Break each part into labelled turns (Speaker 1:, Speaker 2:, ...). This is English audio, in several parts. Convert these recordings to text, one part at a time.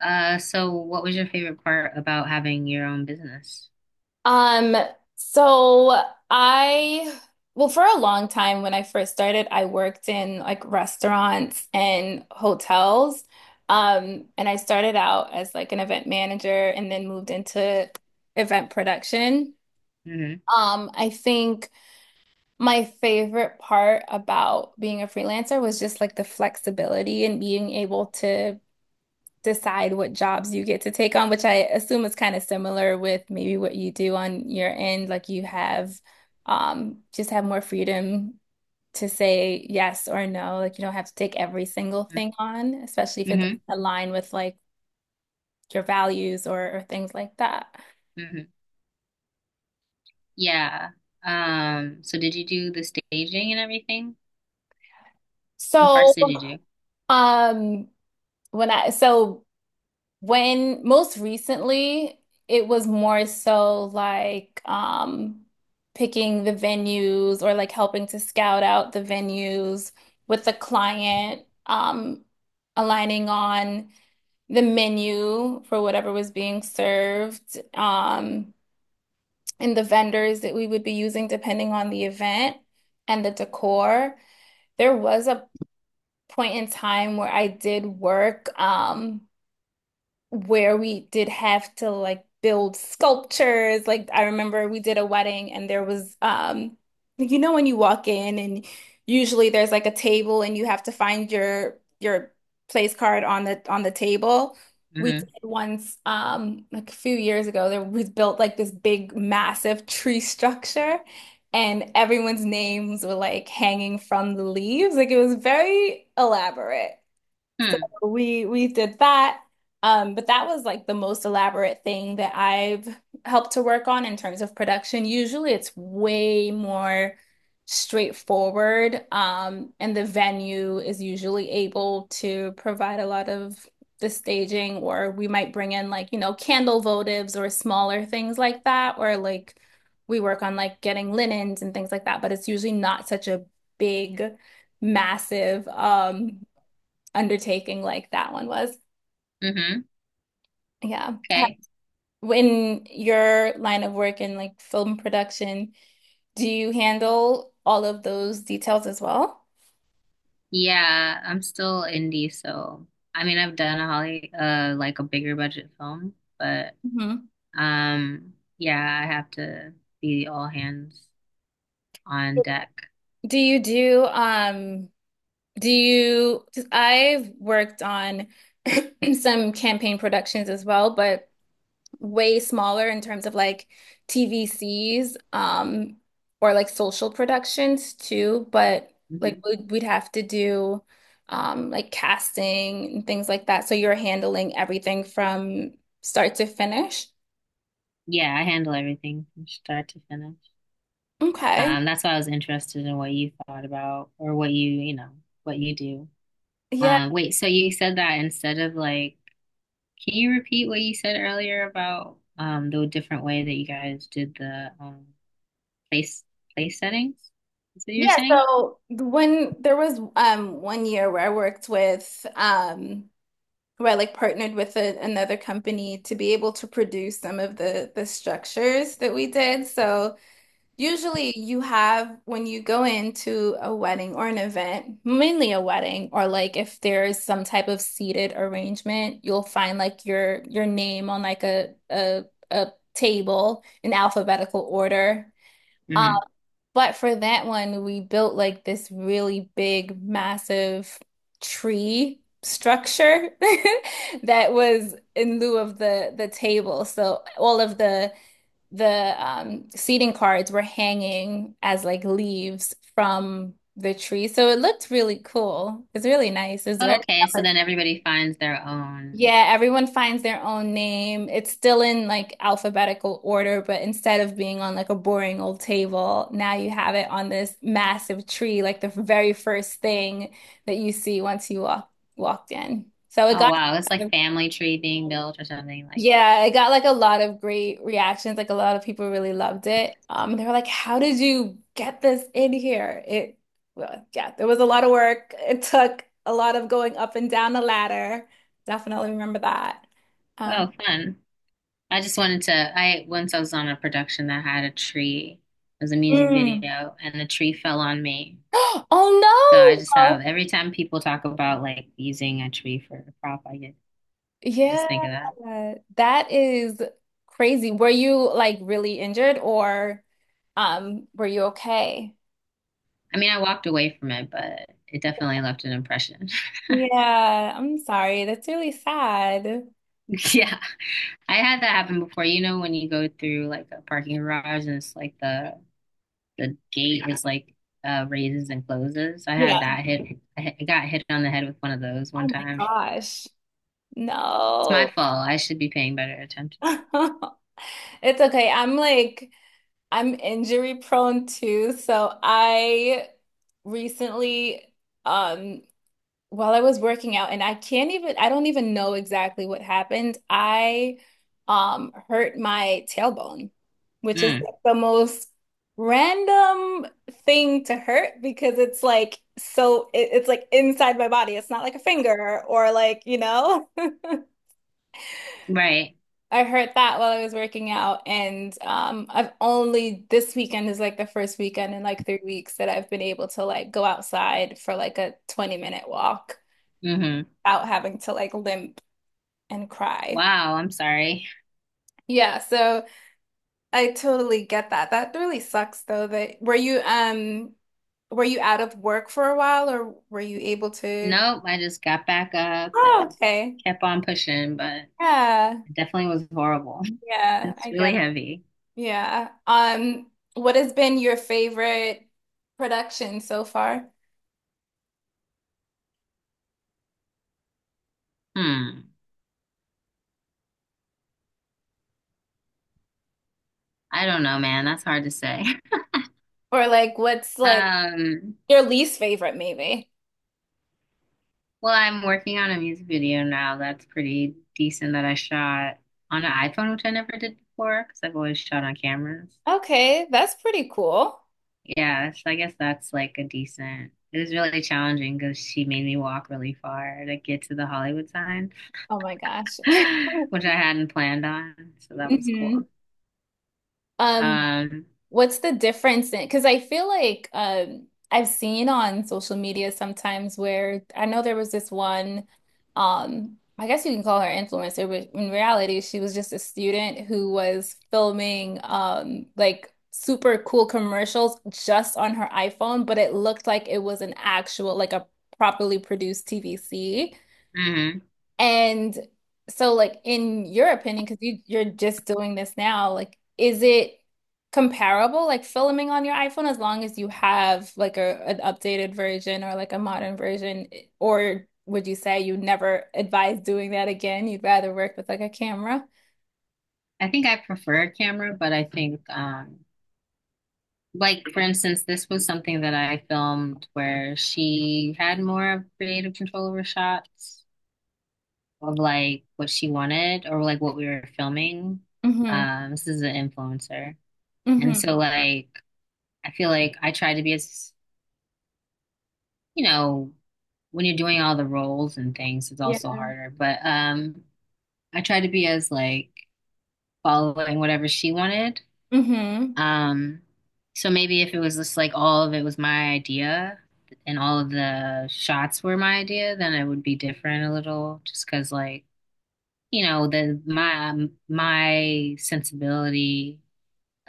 Speaker 1: So what was your favorite part about having your own business?
Speaker 2: Um, so I, well, for a long time when I first started, I worked in like restaurants and hotels. And I started out as like an event manager and then moved into event production.
Speaker 1: Mm-hmm.
Speaker 2: I think my favorite part about being a freelancer was just like the flexibility and being able to decide what jobs you get to take on, which I assume is kind of similar with maybe what you do on your end. Like you have more freedom to say yes or no. Like you don't have to take every single thing on, especially if it doesn't
Speaker 1: Mm-hmm.
Speaker 2: align with like your values or things like that.
Speaker 1: Mm-hmm. Yeah. So did you do the staging and everything? What parts
Speaker 2: So
Speaker 1: did you do?
Speaker 2: um when I so When most recently, it was more so like picking the venues or like helping to scout out the venues with the client, aligning on the menu for whatever was being served, and the vendors that we would be using depending on the event and the decor. There was a point in time where I did work, where we did have to like build sculptures. Like I remember we did a wedding, and there was you know when you walk in, and usually there's like a table and you have to find your place card on the table. We
Speaker 1: Mm-hmm.
Speaker 2: did once like a few years ago there was built like this big massive tree structure, and everyone's names were like hanging from the leaves. Like it was very elaborate
Speaker 1: Hmm.
Speaker 2: we we did that. But that was like the most elaborate thing that I've helped to work on in terms of production. Usually it's way more straightforward. And the venue is usually able to provide a lot of the staging, or we might bring in like, you know, candle votives or smaller things like that, or like we work on like getting linens and things like that, but it's usually not such a big massive undertaking like that one was.
Speaker 1: Mm-hmm.
Speaker 2: Yeah.
Speaker 1: Okay.
Speaker 2: In your line of work in like film production, do you handle all of those details as well?
Speaker 1: Yeah, I'm still indie, so I mean I've done a Holly like a bigger budget film, but
Speaker 2: Hmm.
Speaker 1: yeah, I have to be all hands on deck.
Speaker 2: Do you do um do you 'cause I've worked on some campaign productions as well, but way smaller in terms of like TVCs or like social productions too, but like
Speaker 1: Hmm.
Speaker 2: we'd have to do like casting and things like that. So you're handling everything from start to finish.
Speaker 1: Yeah, I handle everything from start to finish.
Speaker 2: Okay.
Speaker 1: That's why I was interested in what you thought about or what you do.
Speaker 2: Yeah.
Speaker 1: Wait, so you said that instead of like, can you repeat what you said earlier about the different way that you guys did the place place settings? Is what you were
Speaker 2: Yeah,
Speaker 1: saying?
Speaker 2: so when there was one year where I worked with where I like partnered with another company to be able to produce some of the structures that we did. So usually, you have when you go into a wedding or an event, mainly a wedding, or like if there's some type of seated arrangement, you'll find like your name on like a table in alphabetical order. Um,
Speaker 1: Mm-hmm.
Speaker 2: but for that one, we built like this really big, massive tree structure that was in lieu of the table. So all of the seating cards were hanging as like leaves from the tree. So it looked really cool. It's really nice. It's
Speaker 1: Oh,
Speaker 2: very,
Speaker 1: okay, so then everybody finds their own.
Speaker 2: yeah, everyone finds their own name. It's still in like alphabetical order, but instead of being on like a boring old table, now you have it on this massive tree, like the very first thing that you see once you walked in. So it
Speaker 1: Oh
Speaker 2: got
Speaker 1: wow, it's like family tree being built or something like.
Speaker 2: Yeah, it got like a lot of great reactions. Like a lot of people really loved it. They were like, "How did you get this in here?" Well, yeah, there was a lot of work. It took a lot of going up and down the ladder. Definitely remember that. Um,
Speaker 1: Oh, fun. I just wanted to. I was on a production that had a tree. It was a music
Speaker 2: Mm.
Speaker 1: video, and the tree fell on me. So I
Speaker 2: Oh
Speaker 1: just have
Speaker 2: no!
Speaker 1: every time people talk about like using a tree for a prop, I
Speaker 2: Yeah,
Speaker 1: just think of that.
Speaker 2: that is crazy. Were you like really injured or were you okay?
Speaker 1: I mean, I walked away from it, but it definitely left an impression.
Speaker 2: Yeah, I'm sorry. That's really sad.
Speaker 1: Yeah. I had that happen before. You know, when you go through like a parking garage, and it's like the gate is like raises and closes. I
Speaker 2: Yeah.
Speaker 1: had that hit- I got hit on the head with one of those one
Speaker 2: Oh my
Speaker 1: time. It's
Speaker 2: gosh. No.
Speaker 1: my fault. I should be paying better attention.
Speaker 2: It's okay. I'm like, I'm injury prone too. So I recently, um, while I was working out, and I don't even know exactly what happened. I hurt my tailbone, which is
Speaker 1: Mm.
Speaker 2: like the most random thing to hurt because it's like it's like inside my body. It's not like a finger or like.
Speaker 1: Right.
Speaker 2: I heard that while I was working out, and I've only this weekend is like the first weekend in like 3 weeks that I've been able to like go outside for like a 20-minute walk
Speaker 1: Mm-hmm.
Speaker 2: without having to like limp and cry.
Speaker 1: Wow, I'm sorry.
Speaker 2: Yeah, so I totally get that. That really sucks though that were you out of work for a while or were you able to?
Speaker 1: Nope, I just got back up
Speaker 2: Oh,
Speaker 1: and
Speaker 2: okay.
Speaker 1: kept on pushing, but
Speaker 2: Yeah.
Speaker 1: it definitely was horrible.
Speaker 2: Yeah,
Speaker 1: It's
Speaker 2: I
Speaker 1: really
Speaker 2: get it.
Speaker 1: heavy.
Speaker 2: Yeah. What has been your favorite production so far?
Speaker 1: Hmm. I don't know, man. That's hard to say.
Speaker 2: Or like what's like
Speaker 1: Um,
Speaker 2: your least favorite maybe?
Speaker 1: well, I'm working on a music video now that's pretty decent that I shot on an iPhone, which I never did before because I've always shot on cameras.
Speaker 2: Okay, that's pretty cool.
Speaker 1: Yeah, so I guess that's like a decent. It was really challenging because she made me walk really far to get to the Hollywood sign,
Speaker 2: Oh my gosh.
Speaker 1: which I hadn't planned on. So that was
Speaker 2: Hmm.
Speaker 1: cool.
Speaker 2: Um,
Speaker 1: Um,
Speaker 2: What's the difference in? Because I feel like I've seen on social media sometimes where I know there was this one, I guess you can call her influencer, but in reality, she was just a student who was filming like super cool commercials just on her iPhone, but it looked like it was an actual, like a properly produced TVC.
Speaker 1: mhm.
Speaker 2: And so, like, in your opinion, because you're just doing this now, like, is it comparable, like filming on your iPhone, as long as you have like a an updated version or like a modern version, or would you say you never advise doing that again? You'd rather work with like a camera?
Speaker 1: I think I prefer camera, but I think, like, for instance, this was something that I filmed where she had more of creative control over shots of like what she wanted or like what we were filming.
Speaker 2: Mm-hmm.
Speaker 1: This is an influencer, and so
Speaker 2: Mm-hmm.
Speaker 1: like, I feel like I tried to be as, you know, when you're doing all the roles and things, it's
Speaker 2: Yeah.
Speaker 1: also harder. But I tried to be as like following whatever she wanted.
Speaker 2: Mm-hmm.
Speaker 1: Um, so maybe if it was just like all of it was my idea and all of the shots were my idea, then it would be different a little just 'cause like, you know, the my my sensibility,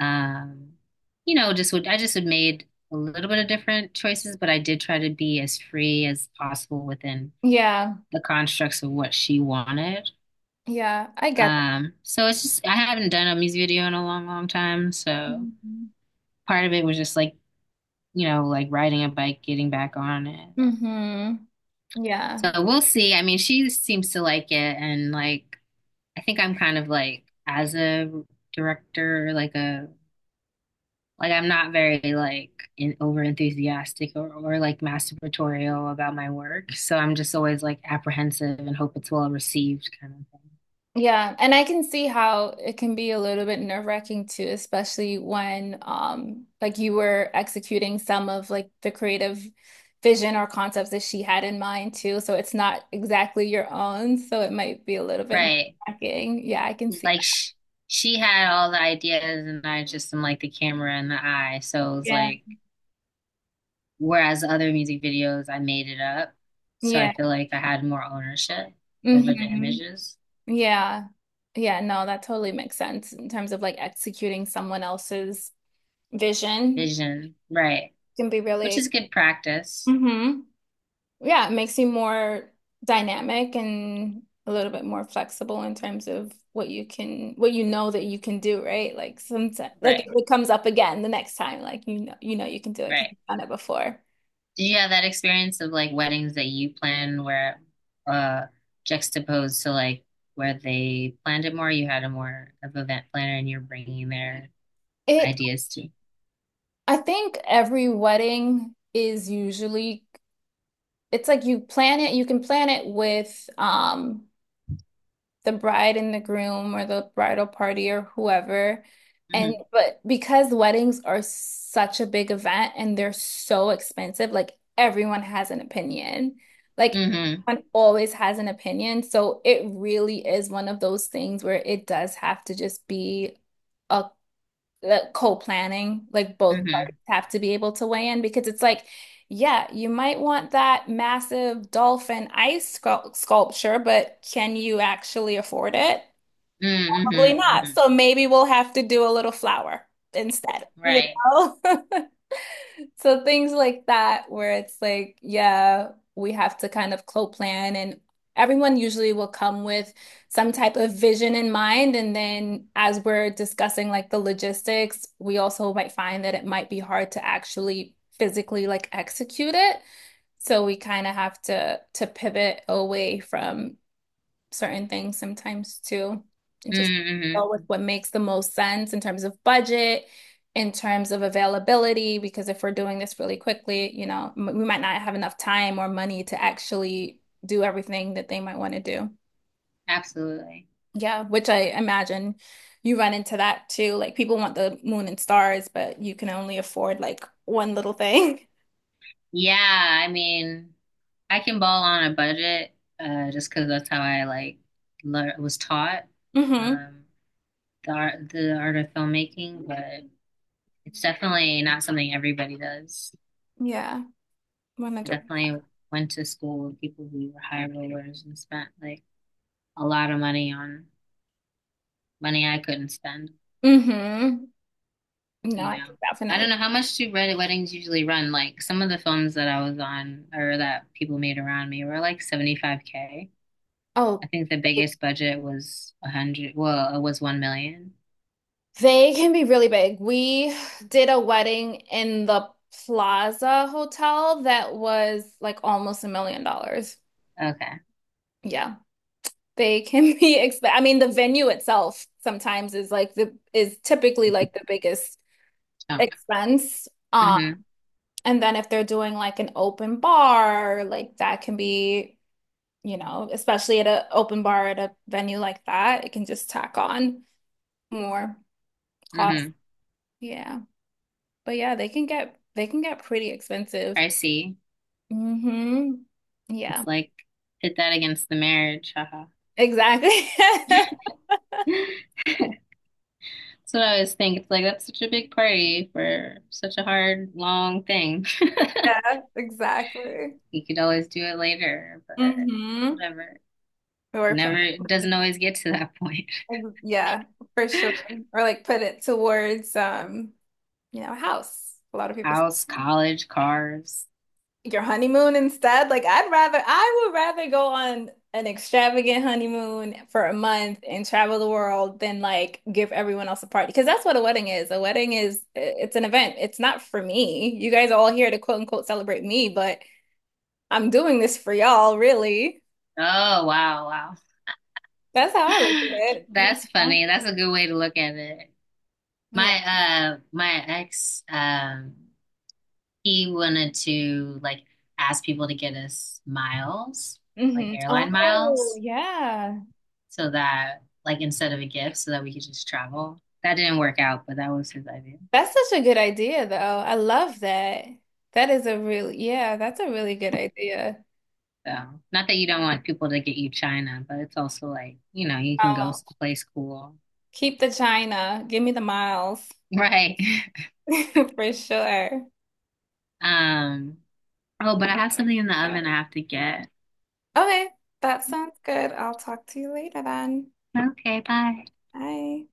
Speaker 1: um just would I just would made a little bit of different choices, but I did try to be as free as possible within
Speaker 2: Yeah.
Speaker 1: the constructs of what she wanted.
Speaker 2: Yeah. I get that.
Speaker 1: So it's just I haven't done a music video in a long, long time, so
Speaker 2: Mm-hmm.
Speaker 1: part of it was just like, like riding a bike, getting back on it.
Speaker 2: Mm-hmm. Yeah.
Speaker 1: So we'll see. I mean, she seems to like it, and like, I think I'm kind of like, as a director, like, a like I'm not very like over enthusiastic, or like masturbatorial about my work. So I'm just always like apprehensive and hope it's well received, kind of thing.
Speaker 2: Yeah, and I can see how it can be a little bit nerve-wracking too, especially when like you were executing some of like the creative vision or concepts that she had in mind too. So it's not exactly your own, so it might be a little bit
Speaker 1: Right.
Speaker 2: nerve-wracking. Yeah, I can see
Speaker 1: Like,
Speaker 2: that.
Speaker 1: sh she had all the ideas, and I just am like the camera and the eye. So it was
Speaker 2: Yeah.
Speaker 1: like, whereas other music videos, I made it up. So
Speaker 2: Yeah.
Speaker 1: I feel like I had more ownership over the
Speaker 2: Hmm.
Speaker 1: images,
Speaker 2: Yeah. Yeah, no, that totally makes sense in terms of like executing someone else's vision
Speaker 1: vision, right?
Speaker 2: can be
Speaker 1: Which
Speaker 2: really.
Speaker 1: is good practice.
Speaker 2: hmm yeah, it makes you more dynamic and a little bit more flexible in terms of what you know that you can do, right? Like sometimes, like
Speaker 1: Right,
Speaker 2: if it comes up again the next time, you know you can do it because
Speaker 1: right.
Speaker 2: you've done it before.
Speaker 1: Did you have that experience of like weddings that you plan where uh juxtaposed to like where they planned it more, you had a more of event planner and you're bringing their
Speaker 2: It,
Speaker 1: ideas to.
Speaker 2: I think every wedding is usually, it's like you plan it, you can plan it with the bride and the groom or the bridal party or whoever. And
Speaker 1: Mm-hmm.
Speaker 2: but because weddings are such a big event and they're so expensive, like everyone has an opinion. Like
Speaker 1: Mm-hmm.
Speaker 2: everyone always has an opinion. So it really is one of those things where it does have to just be a the co-planning, like both
Speaker 1: Mm-hmm.
Speaker 2: parties have to be able to weigh in because it's like, yeah, you might want that massive dolphin ice sculpture, but can you actually afford it?
Speaker 1: Mm-hmm.
Speaker 2: Probably
Speaker 1: Mm-hmm.
Speaker 2: not.
Speaker 1: Mm-hmm.
Speaker 2: So maybe we'll have to do a little flower instead, you
Speaker 1: Right.
Speaker 2: know? So things like that, where it's like, yeah, we have to kind of co-plan, and everyone usually will come with some type of vision in mind. And then as we're discussing like the logistics, we also might find that it might be hard to actually physically like execute it. So we kind of have to pivot away from certain things sometimes too, and just
Speaker 1: Mm-hmm.
Speaker 2: go with what makes the most sense in terms of budget, in terms of availability, because if we're doing this really quickly, we might not have enough time or money to actually do everything that they might want to do.
Speaker 1: Absolutely.
Speaker 2: Yeah, which I imagine you run into that too. Like people want the moon and stars, but you can only afford like one little thing.
Speaker 1: Yeah, I mean, I can ball on a budget, just because that's how I like lear was taught,
Speaker 2: Mm-hmm.
Speaker 1: um, the art of filmmaking. But it's definitely not something everybody does.
Speaker 2: Yeah,
Speaker 1: I
Speaker 2: 100.
Speaker 1: definitely went to school with people who were high rollers and spent like a lot of money on money I couldn't spend.
Speaker 2: Mm-hmm. No,
Speaker 1: You
Speaker 2: I
Speaker 1: know,
Speaker 2: can
Speaker 1: I don't
Speaker 2: definitely.
Speaker 1: know how much do red weddings usually run. Like some of the films that I was on or that people made around me were like 75K.
Speaker 2: Oh,
Speaker 1: I think the biggest budget was 100. Well, it was 1 million.
Speaker 2: They can be really big. We did a wedding in the Plaza Hotel that was like almost $1 million.
Speaker 1: Okay.
Speaker 2: Yeah, they can be expensive. I mean, the venue itself sometimes is like the is typically like the biggest
Speaker 1: Chunk.
Speaker 2: expense. Um,
Speaker 1: Mm-hmm.
Speaker 2: and then if they're doing like an open bar, like that can be, especially at an open bar at a venue like that, it can just tack on more cost.
Speaker 1: Mm-hmm.
Speaker 2: Yeah. But yeah, they can get pretty expensive.
Speaker 1: Pricey.
Speaker 2: Hmm. Yeah,
Speaker 1: It's like hit that against the marriage. Haha.
Speaker 2: exactly.
Speaker 1: That's what I always think. It's like, that's such a big party for such a hard, long thing.
Speaker 2: Yeah, exactly.
Speaker 1: You could always do it later, but
Speaker 2: Hmm.
Speaker 1: whatever.
Speaker 2: Or put
Speaker 1: Never It
Speaker 2: Ex-
Speaker 1: doesn't always get to that point.
Speaker 2: yeah, for sure. Or like put it towards a house. A lot of people
Speaker 1: House, college, cars.
Speaker 2: Your honeymoon instead? Like I would rather go on an extravagant honeymoon for a month and travel the world than like give everyone else a party because that's what a wedding is. A wedding is it's an event. It's not for me. You guys are all here to quote unquote celebrate me, but I'm doing this for y'all, really.
Speaker 1: Oh wow, wow.
Speaker 2: That's how I look at it. You
Speaker 1: That's
Speaker 2: know?
Speaker 1: funny. That's a good way to look at it.
Speaker 2: Yeah.
Speaker 1: My my ex he wanted to like ask people to get us miles, like
Speaker 2: Hmm.
Speaker 1: airline
Speaker 2: Oh,
Speaker 1: miles,
Speaker 2: yeah.
Speaker 1: so that like instead of a gift so that we could just travel. That didn't work out, but that was his idea.
Speaker 2: That's such a good idea though. I love that. Yeah, that's a really good idea.
Speaker 1: So, not that you don't want people to get you China, but it's also like, you can
Speaker 2: Um,
Speaker 1: go someplace cool.
Speaker 2: Keep the China. Give me the miles
Speaker 1: Right.
Speaker 2: for sure.
Speaker 1: Um, oh, but I have something in the oven I have to get.
Speaker 2: Okay, that sounds good. I'll talk to you later then.
Speaker 1: Okay, bye.
Speaker 2: Bye.